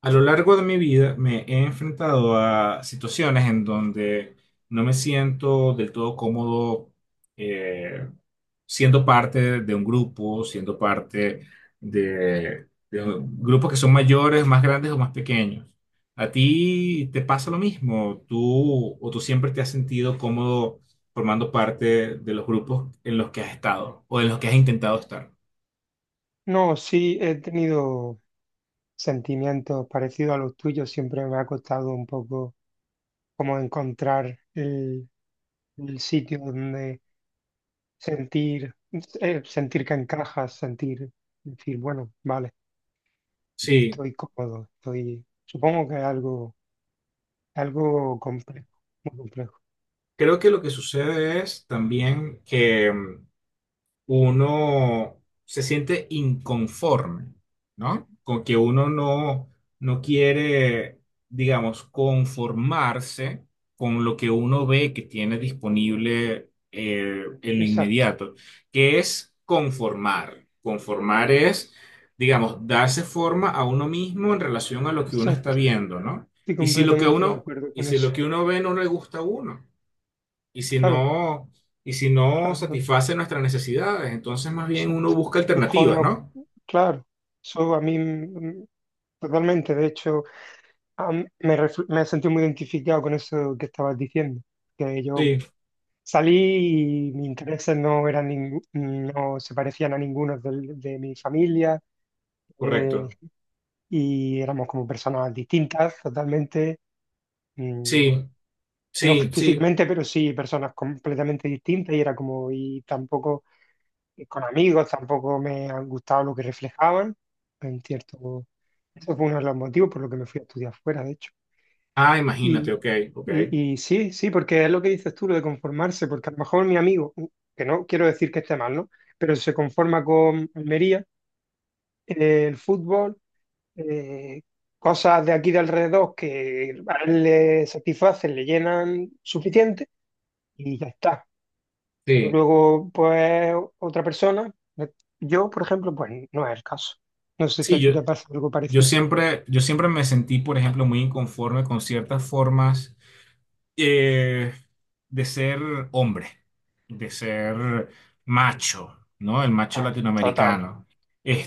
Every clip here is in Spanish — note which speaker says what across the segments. Speaker 1: A lo largo de mi vida me he enfrentado a situaciones en donde no me siento del todo cómodo eh, siendo parte de un grupo, siendo parte de grupos que son mayores, más grandes o más pequeños. ¿A ti te pasa lo mismo? ¿Tú siempre te has sentido cómodo formando parte de los grupos en los que has estado o en los que has intentado estar?
Speaker 2: No, sí he tenido sentimientos parecidos a los tuyos. Siempre me ha costado un poco como encontrar el sitio donde sentir, sentir que encajas, sentir, decir, bueno, vale, aquí
Speaker 1: Sí,
Speaker 2: estoy cómodo, estoy, supongo que es algo complejo, muy complejo.
Speaker 1: creo que lo que sucede es también que uno se siente inconforme, ¿no? Con que uno no quiere, digamos, conformarse con lo que uno ve que tiene disponible en lo
Speaker 2: Exacto,
Speaker 1: inmediato, que es conformar. Conformar es, digamos, darse forma a uno mismo en relación a lo que uno está
Speaker 2: exacto.
Speaker 1: viendo, ¿no?
Speaker 2: Estoy
Speaker 1: Y si lo que
Speaker 2: completamente de acuerdo con eso.
Speaker 1: uno ve no le gusta a uno. Y si
Speaker 2: Claro,
Speaker 1: no, y si no
Speaker 2: claro, claro,
Speaker 1: satisface nuestras necesidades, entonces más bien uno
Speaker 2: exacto.
Speaker 1: busca
Speaker 2: Mejor
Speaker 1: alternativas,
Speaker 2: no,
Speaker 1: ¿no?
Speaker 2: claro, eso a mí totalmente, de hecho. Ah, me sentí muy identificado con eso que estabas diciendo, que yo
Speaker 1: Sí,
Speaker 2: salí y mis intereses no se parecían a ninguno de mi familia, eh,
Speaker 1: correcto.
Speaker 2: y éramos como personas distintas totalmente, mm,
Speaker 1: Sí,
Speaker 2: no
Speaker 1: sí, sí.
Speaker 2: físicamente, pero sí personas completamente distintas y era como, y tampoco con amigos, tampoco me han gustado lo que reflejaban, en cierto, eso fue uno de los motivos por lo que me fui a estudiar fuera, de hecho.
Speaker 1: Ah, imagínate,
Speaker 2: Y,
Speaker 1: ok, ok.
Speaker 2: y sí, sí, porque es lo que dices tú, lo de conformarse, porque a lo mejor mi amigo, que no quiero decir que esté mal, ¿no? Pero se conforma con Almería, el fútbol, eh, cosas de aquí de alrededor que a él le satisfacen, le llenan suficiente y ya está. Pero
Speaker 1: Sí,
Speaker 2: luego, pues, otra persona, eh, yo, por ejemplo, pues no es el caso. No sé si
Speaker 1: sí,
Speaker 2: a ti
Speaker 1: yo,
Speaker 2: te pasa algo
Speaker 1: yo
Speaker 2: parecido.
Speaker 1: siempre, yo siempre me sentí, por ejemplo, muy inconforme con ciertas formas eh, de ser hombre, de ser macho, ¿no? El macho
Speaker 2: Total,
Speaker 1: latinoamericano.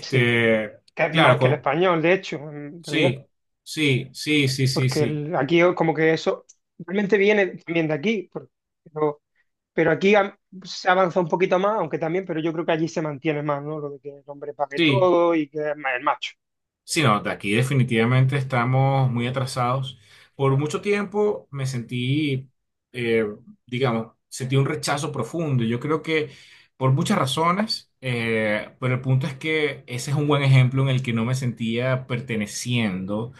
Speaker 2: sí. Que es
Speaker 1: claro,
Speaker 2: más que el
Speaker 1: co-
Speaker 2: español, de hecho, en
Speaker 1: sí,
Speaker 2: realidad.
Speaker 1: sí, sí, sí, sí,
Speaker 2: porque
Speaker 1: sí.
Speaker 2: el- aquí como que eso realmente viene también de aquí, pero, pero aquí se avanza un poquito más, aunque también, pero yo creo que allí se mantiene más, ¿no? Lo de que el hombre pague
Speaker 1: Sí.
Speaker 2: todo y que es más el macho.
Speaker 1: Sí, no, de aquí definitivamente estamos muy atrasados. Por mucho tiempo me sentí, eh, digamos, sentí un rechazo profundo. Yo creo que por muchas razones, pero el punto es que ese es un buen ejemplo en el que no me sentía perteneciendo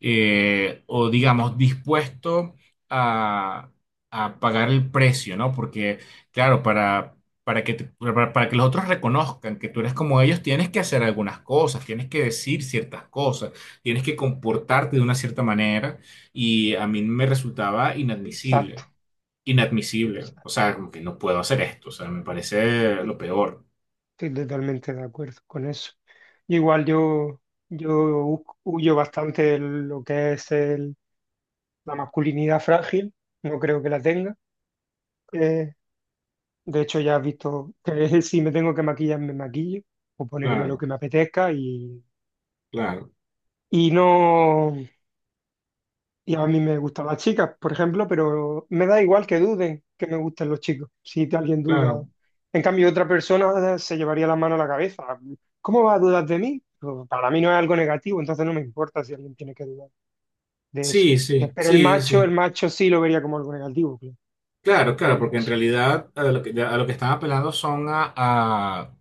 Speaker 1: o, digamos, dispuesto a, a pagar el precio, ¿no? Porque, claro, para que los otros reconozcan que tú eres como ellos, tienes que hacer algunas cosas, tienes que decir ciertas cosas, tienes que comportarte de una cierta manera y a mí me resultaba
Speaker 2: Exacto,
Speaker 1: inadmisible, inadmisible, o
Speaker 2: exacto.
Speaker 1: sea, como que no puedo hacer esto, o sea, me parece lo peor.
Speaker 2: Estoy totalmente de acuerdo con eso. Yo igual, yo huyo bastante de lo que es la masculinidad frágil, no creo que la tenga. Eh, de hecho, ya has visto que si me tengo que maquillar, me maquillo o ponerme lo
Speaker 1: Claro,
Speaker 2: que me apetezca.
Speaker 1: claro,
Speaker 2: Y no, y a mí me gustan las chicas, por ejemplo, pero me da igual que duden que me gusten los chicos, si alguien duda.
Speaker 1: claro.
Speaker 2: En cambio, otra persona se llevaría la mano a la cabeza. ¿Cómo va a dudar de mí? Pues, para mí no es algo negativo, entonces no me importa si alguien tiene que dudar de eso.
Speaker 1: Sí, sí,
Speaker 2: Pero
Speaker 1: sí,
Speaker 2: el
Speaker 1: sí.
Speaker 2: macho sí lo vería como algo negativo, claro.
Speaker 1: Claro,
Speaker 2: El
Speaker 1: claro, porque en
Speaker 2: macho.
Speaker 1: realidad a lo que están apelando son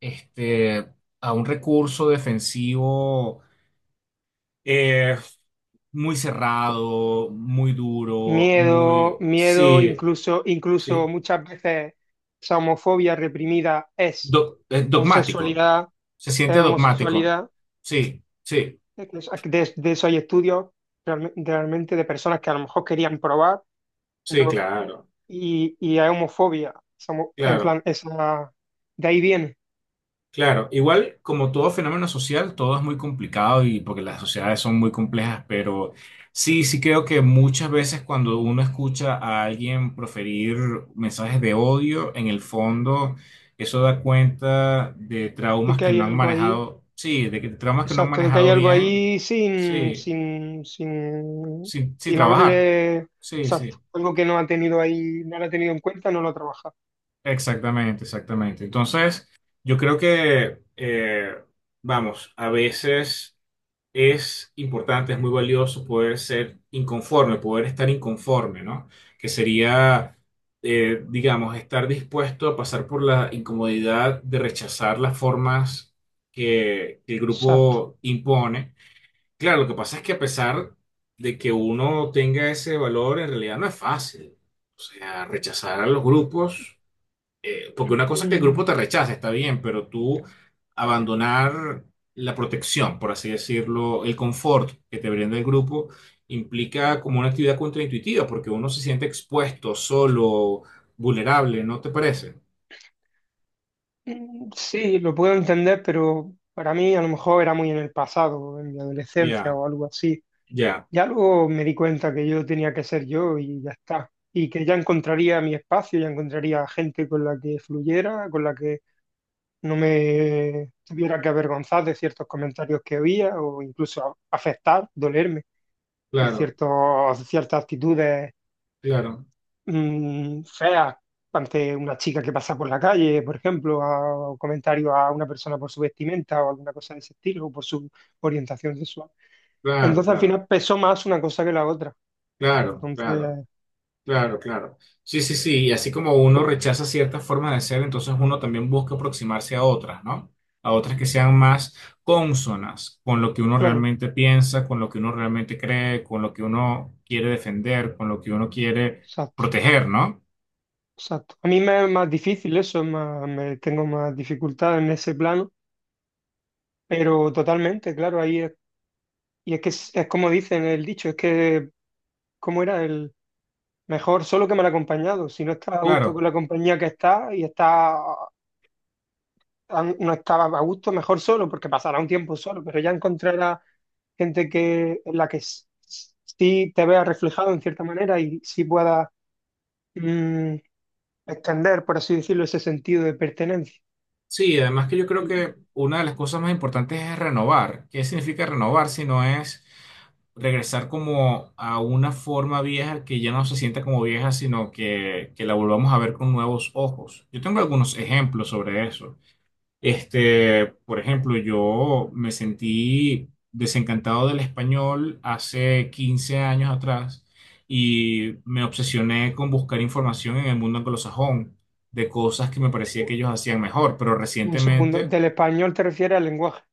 Speaker 1: este, a un recurso defensivo. Eh, Muy cerrado, muy duro,
Speaker 2: Miedo,
Speaker 1: muy...
Speaker 2: miedo,
Speaker 1: Sí,
Speaker 2: incluso
Speaker 1: sí.
Speaker 2: muchas veces esa homofobia reprimida es
Speaker 1: Dogmático.
Speaker 2: homosexualidad,
Speaker 1: Se
Speaker 2: es
Speaker 1: siente dogmático.
Speaker 2: homosexualidad.
Speaker 1: Sí, sí,
Speaker 2: Es que de eso hay estudios realmente de personas que a lo mejor querían probar,
Speaker 1: sí,
Speaker 2: pero
Speaker 1: claro,
Speaker 2: y hay homofobia. En
Speaker 1: claro.
Speaker 2: plan, esa, de ahí viene,
Speaker 1: Claro, igual como todo fenómeno social, todo es muy complicado y porque las sociedades son muy complejas, pero sí, sí creo que muchas veces cuando uno escucha a alguien proferir mensajes de odio, en el fondo eso da cuenta de
Speaker 2: de
Speaker 1: traumas
Speaker 2: que
Speaker 1: que
Speaker 2: hay
Speaker 1: no han
Speaker 2: algo ahí,
Speaker 1: manejado, sí, de que traumas que no han
Speaker 2: exacto, de que hay
Speaker 1: manejado
Speaker 2: algo
Speaker 1: bien,
Speaker 2: ahí sin,
Speaker 1: sí,
Speaker 2: sin, sin,
Speaker 1: sin
Speaker 2: sin
Speaker 1: trabajar,
Speaker 2: haberle,
Speaker 1: sí,
Speaker 2: exacto,
Speaker 1: sí.
Speaker 2: algo que no ha tenido ahí, no lo ha tenido en cuenta, no lo ha trabajado.
Speaker 1: Exactamente, exactamente. Entonces, yo creo que, vamos, a veces es importante, es muy valioso poder ser inconforme, poder estar inconforme, ¿no? Que sería, digamos, estar dispuesto a pasar por la incomodidad de rechazar las formas que el
Speaker 2: Exacto.
Speaker 1: grupo impone. Claro, lo que pasa es que a pesar de que uno tenga ese valor, en realidad no es fácil. O sea, rechazar a los grupos porque una cosa es que el grupo
Speaker 2: Mm,
Speaker 1: te rechaza, está bien, pero tú abandonar la protección, por así decirlo, el confort que te brinda el grupo, implica como una actividad contraintuitiva, porque uno se siente expuesto, solo, vulnerable, ¿no te parece?
Speaker 2: mm, sí, lo puedo entender, pero para mí a lo mejor era muy en el pasado, en mi adolescencia
Speaker 1: Ya,
Speaker 2: o algo así.
Speaker 1: ya,
Speaker 2: Ya luego me di cuenta que yo tenía que ser yo y ya está. Y que ya encontraría mi espacio, ya encontraría gente con la que fluyera, con la que no me tuviera que avergonzar de ciertos comentarios que había o incluso afectar, dolerme de
Speaker 1: claro,
Speaker 2: ciertos, ciertas actitudes
Speaker 1: claro,
Speaker 2: feas ante una chica que pasa por la calle, por ejemplo, o comentarios a una persona por su vestimenta o alguna cosa de ese estilo, o por su orientación sexual.
Speaker 1: claro,
Speaker 2: Entonces al
Speaker 1: claro,
Speaker 2: final pesó más una cosa que la otra.
Speaker 1: claro, claro.
Speaker 2: Entonces,
Speaker 1: Claro, claro. Sí, sí, sí. Y así como uno rechaza ciertas formas de ser, entonces uno también busca aproximarse a otras, ¿no? A otras que sean más cónsonas con lo que uno
Speaker 2: claro,
Speaker 1: realmente piensa, con lo que uno realmente cree, con lo que uno quiere defender, con lo que uno quiere
Speaker 2: exacto,
Speaker 1: proteger, ¿no?
Speaker 2: exacto. A mí me es más difícil eso, es más, me tengo más dificultad en ese plano, pero totalmente, claro, ahí es, y es que es como dicen el dicho, es que, ¿cómo era? Mejor solo que mal acompañado. Si no estás a gusto con
Speaker 1: Claro.
Speaker 2: la compañía que estás y está, no estabas a gusto, mejor solo, porque pasará un tiempo solo, pero ya encontrarás gente que, en la que sí te veas reflejado en cierta manera y sí puedas mm, extender, por así decirlo, ese sentido de pertenencia.
Speaker 1: Sí, además que yo creo
Speaker 2: Y-
Speaker 1: que una de las cosas más importantes es renovar. ¿Qué significa renovar si no es regresar como a una forma vieja que ya no se sienta como vieja, sino que la volvamos a ver con nuevos ojos? Yo tengo algunos ejemplos sobre eso. Este, por ejemplo, yo me sentí desencantado del español hace 15 años atrás y me obsesioné con buscar información en el mundo anglosajón de cosas que me parecía
Speaker 2: y-
Speaker 1: que ellos hacían mejor, pero
Speaker 2: Un segundo,
Speaker 1: recientemente
Speaker 2: del español te refieres al lenguaje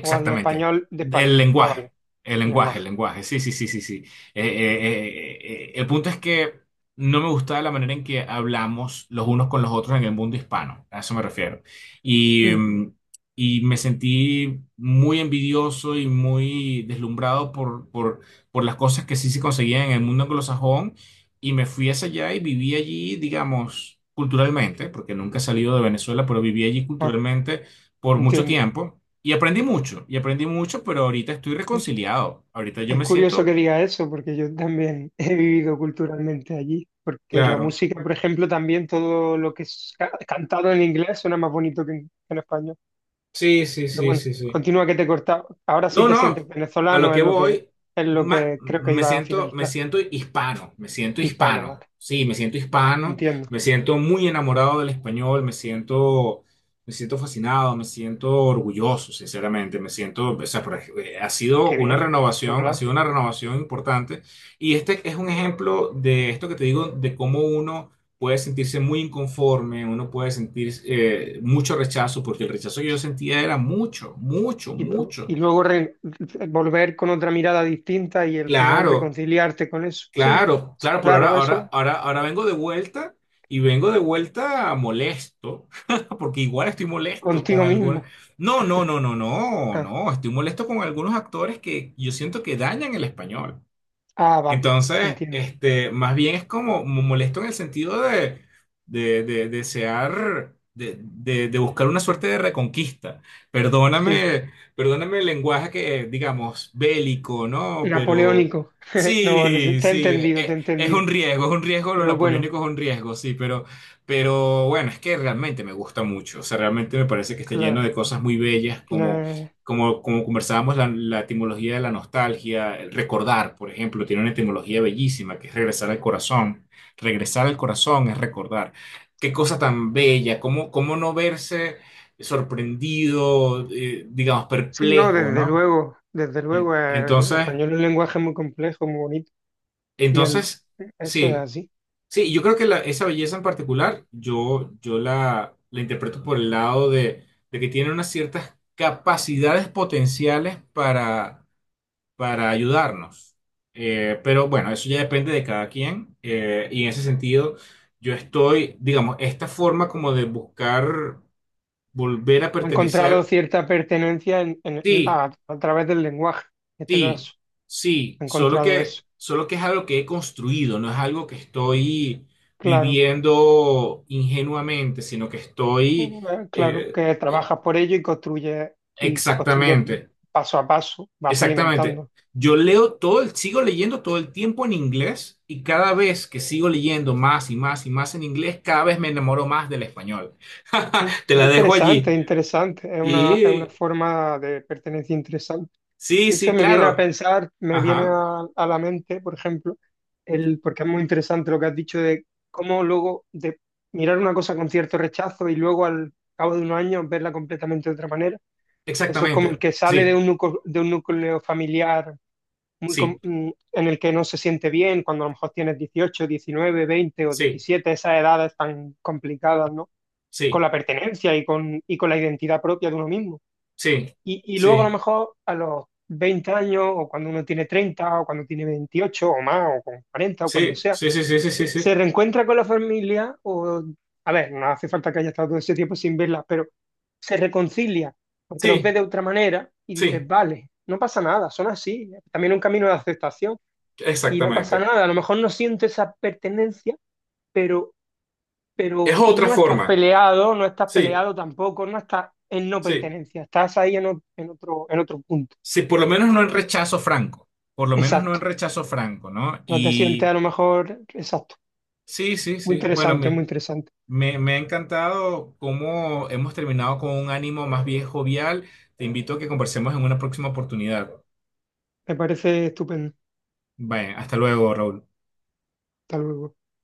Speaker 2: o al español de
Speaker 1: El
Speaker 2: España. Ah,
Speaker 1: lenguaje,
Speaker 2: vale,
Speaker 1: el
Speaker 2: el
Speaker 1: lenguaje, el
Speaker 2: lenguaje.
Speaker 1: lenguaje. Sí, sí, sí, sí, sí. El punto es que no me gustaba la manera en que hablamos los unos con los otros en el mundo hispano. A eso me refiero. Y,
Speaker 2: Mm,
Speaker 1: mm, y me sentí muy envidioso y muy deslumbrado por las cosas que sí se conseguían en el mundo anglosajón. Y me fui hacia allá y viví allí, digamos, culturalmente, porque nunca he salido de Venezuela, pero viví allí
Speaker 2: ah,
Speaker 1: culturalmente por mucho
Speaker 2: entiendo.
Speaker 1: tiempo. Y aprendí mucho, pero ahorita estoy reconciliado. Ahorita yo
Speaker 2: Es
Speaker 1: me
Speaker 2: curioso
Speaker 1: siento,
Speaker 2: que diga eso, porque yo también he vivido culturalmente allí, porque la
Speaker 1: claro.
Speaker 2: música, por ejemplo, también todo lo que es cantado en inglés suena más bonito que en español.
Speaker 1: Sí, sí,
Speaker 2: Pero
Speaker 1: sí,
Speaker 2: bueno,
Speaker 1: sí, sí.
Speaker 2: continúa que te he cortado. Ahora sí
Speaker 1: No,
Speaker 2: te
Speaker 1: no,
Speaker 2: sientes
Speaker 1: a lo
Speaker 2: venezolano,
Speaker 1: que
Speaker 2: es lo que,
Speaker 1: voy,
Speaker 2: es lo que creo que iba a finalizar.
Speaker 1: me siento
Speaker 2: Hispano, vale.
Speaker 1: hispano, sí, me siento hispano,
Speaker 2: Entiendo.
Speaker 1: me siento muy enamorado del español, me siento fascinado, me siento orgulloso, sinceramente, me siento, o sea, ha sido
Speaker 2: Qué
Speaker 1: una
Speaker 2: bien,
Speaker 1: renovación, ha
Speaker 2: ¿verdad?
Speaker 1: sido una renovación importante y este es un ejemplo de esto que te digo, de cómo uno puede sentirse muy inconforme, uno puede sentir mucho rechazo, porque el rechazo que yo sentía era mucho, mucho,
Speaker 2: Y, pro-
Speaker 1: mucho.
Speaker 2: y luego volver con otra mirada distinta y al final
Speaker 1: Claro,
Speaker 2: reconciliarte con eso. Sí,
Speaker 1: claro, claro, pero ahora,
Speaker 2: claro, eso
Speaker 1: ahora, ahora, ahora vengo de vuelta y vengo de vuelta molesto, porque igual estoy molesto con
Speaker 2: contigo
Speaker 1: algunos.
Speaker 2: mismo.
Speaker 1: No, no, no, no, no,
Speaker 2: Ah,
Speaker 1: no, estoy molesto con algunos actores que yo siento que dañan el español.
Speaker 2: ah, vale,
Speaker 1: Entonces,
Speaker 2: entiendo.
Speaker 1: este, más bien es como molesto en el sentido de desear, de buscar una suerte de reconquista.
Speaker 2: Sí,
Speaker 1: Perdóname, perdóname el lenguaje que, digamos, bélico, ¿no? Pero
Speaker 2: napoleónico. No, no sé,
Speaker 1: sí,
Speaker 2: te he
Speaker 1: sí,
Speaker 2: entendido, te he entendido.
Speaker 1: es un riesgo, lo
Speaker 2: Pero bueno,
Speaker 1: napoleónico es un riesgo, sí, pero bueno, es que realmente me gusta mucho. O sea, realmente me parece que está lleno
Speaker 2: claro.
Speaker 1: de cosas muy bellas,
Speaker 2: Final-
Speaker 1: como, como conversábamos, la etimología de la nostalgia, el recordar, por ejemplo, tiene una etimología bellísima, que es regresar al corazón. Regresar al corazón es recordar. Qué cosa tan bella, cómo, cómo no verse sorprendido, digamos,
Speaker 2: Sí, no,
Speaker 1: perplejo,
Speaker 2: desde
Speaker 1: ¿no?
Speaker 2: luego, desde luego. El
Speaker 1: Entonces,
Speaker 2: español es un lenguaje muy complejo, muy bonito. Y
Speaker 1: entonces,
Speaker 2: eso es
Speaker 1: sí,
Speaker 2: así.
Speaker 1: sí, yo creo que esa belleza en particular, yo, yo la interpreto por el lado de que tiene unas ciertas capacidades potenciales para ayudarnos. Pero bueno, eso ya depende de cada quien. Y en ese sentido, yo estoy, digamos, esta forma como de buscar volver a
Speaker 2: Ha encontrado
Speaker 1: pertenecer,
Speaker 2: cierta pertenencia en- en el-
Speaker 1: sí,
Speaker 2: a, a través del lenguaje, en este
Speaker 1: sí,
Speaker 2: caso.
Speaker 1: sí,
Speaker 2: Ha encontrado eso.
Speaker 1: solo que es algo que he construido, no es algo que estoy
Speaker 2: Claro,
Speaker 1: viviendo ingenuamente, sino que estoy
Speaker 2: claro,
Speaker 1: eh,
Speaker 2: que trabajas por ello y construyes
Speaker 1: exactamente.
Speaker 2: paso a paso, vas
Speaker 1: Exactamente.
Speaker 2: alimentando.
Speaker 1: Yo leo sigo leyendo todo el tiempo en inglés y cada vez que sigo leyendo más y más y más en inglés, cada vez me enamoro más del español. Te la dejo
Speaker 2: Interesante,
Speaker 1: allí.
Speaker 2: interesante. Es una
Speaker 1: Y
Speaker 2: forma de pertenencia interesante.
Speaker 1: sí,
Speaker 2: Eso
Speaker 1: sí,
Speaker 2: me viene a
Speaker 1: claro.
Speaker 2: pensar, me viene
Speaker 1: Ajá.
Speaker 2: a la mente, por ejemplo, porque es muy interesante lo que has dicho de cómo luego de mirar una cosa con cierto rechazo y luego al cabo de unos años verla completamente de otra manera. Eso es como el
Speaker 1: Exactamente.
Speaker 2: que sale
Speaker 1: Sí,
Speaker 2: de un núcleo familiar
Speaker 1: sí,
Speaker 2: en el que no se siente bien, cuando a lo mejor tienes 18 19 20 o
Speaker 1: sí,
Speaker 2: 17 esas edades tan complicadas, ¿no? Con
Speaker 1: sí,
Speaker 2: la pertenencia y con la identidad propia de uno mismo.
Speaker 1: sí,
Speaker 2: Y luego a lo mejor a los 20 años o cuando uno tiene 30 o cuando tiene 28 o más o con 40 o cuando
Speaker 1: sí,
Speaker 2: sea,
Speaker 1: sí, sí, sí, sí, sí, sí,
Speaker 2: se
Speaker 1: sí,
Speaker 2: reencuentra con la familia o, a ver, no hace falta que haya estado todo ese tiempo sin verla, pero se reconcilia porque los ve
Speaker 1: sí,
Speaker 2: de otra manera y dices,
Speaker 1: sí,
Speaker 2: vale, no pasa nada, son así, también un camino de aceptación y no pasa
Speaker 1: exactamente.
Speaker 2: nada, a lo mejor no siento esa pertenencia, pero pero
Speaker 1: Es otra
Speaker 2: no estás
Speaker 1: forma.
Speaker 2: peleado, no estás
Speaker 1: Sí,
Speaker 2: peleado tampoco, no estás en no
Speaker 1: sí.
Speaker 2: pertenencia, estás ahí en otro punto.
Speaker 1: Sí, por lo menos no en rechazo franco, por lo menos no en
Speaker 2: Exacto.
Speaker 1: rechazo franco, ¿no?
Speaker 2: No te sientes
Speaker 1: Y
Speaker 2: a lo mejor, exacto.
Speaker 1: sí, sí,
Speaker 2: Muy
Speaker 1: sí. Bueno,
Speaker 2: interesante, muy interesante.
Speaker 1: me ha encantado cómo hemos terminado con un ánimo más bien jovial. Te invito a que conversemos en una próxima oportunidad.
Speaker 2: Me parece estupendo.
Speaker 1: Vaya, hasta luego, Raúl.
Speaker 2: Hasta luego.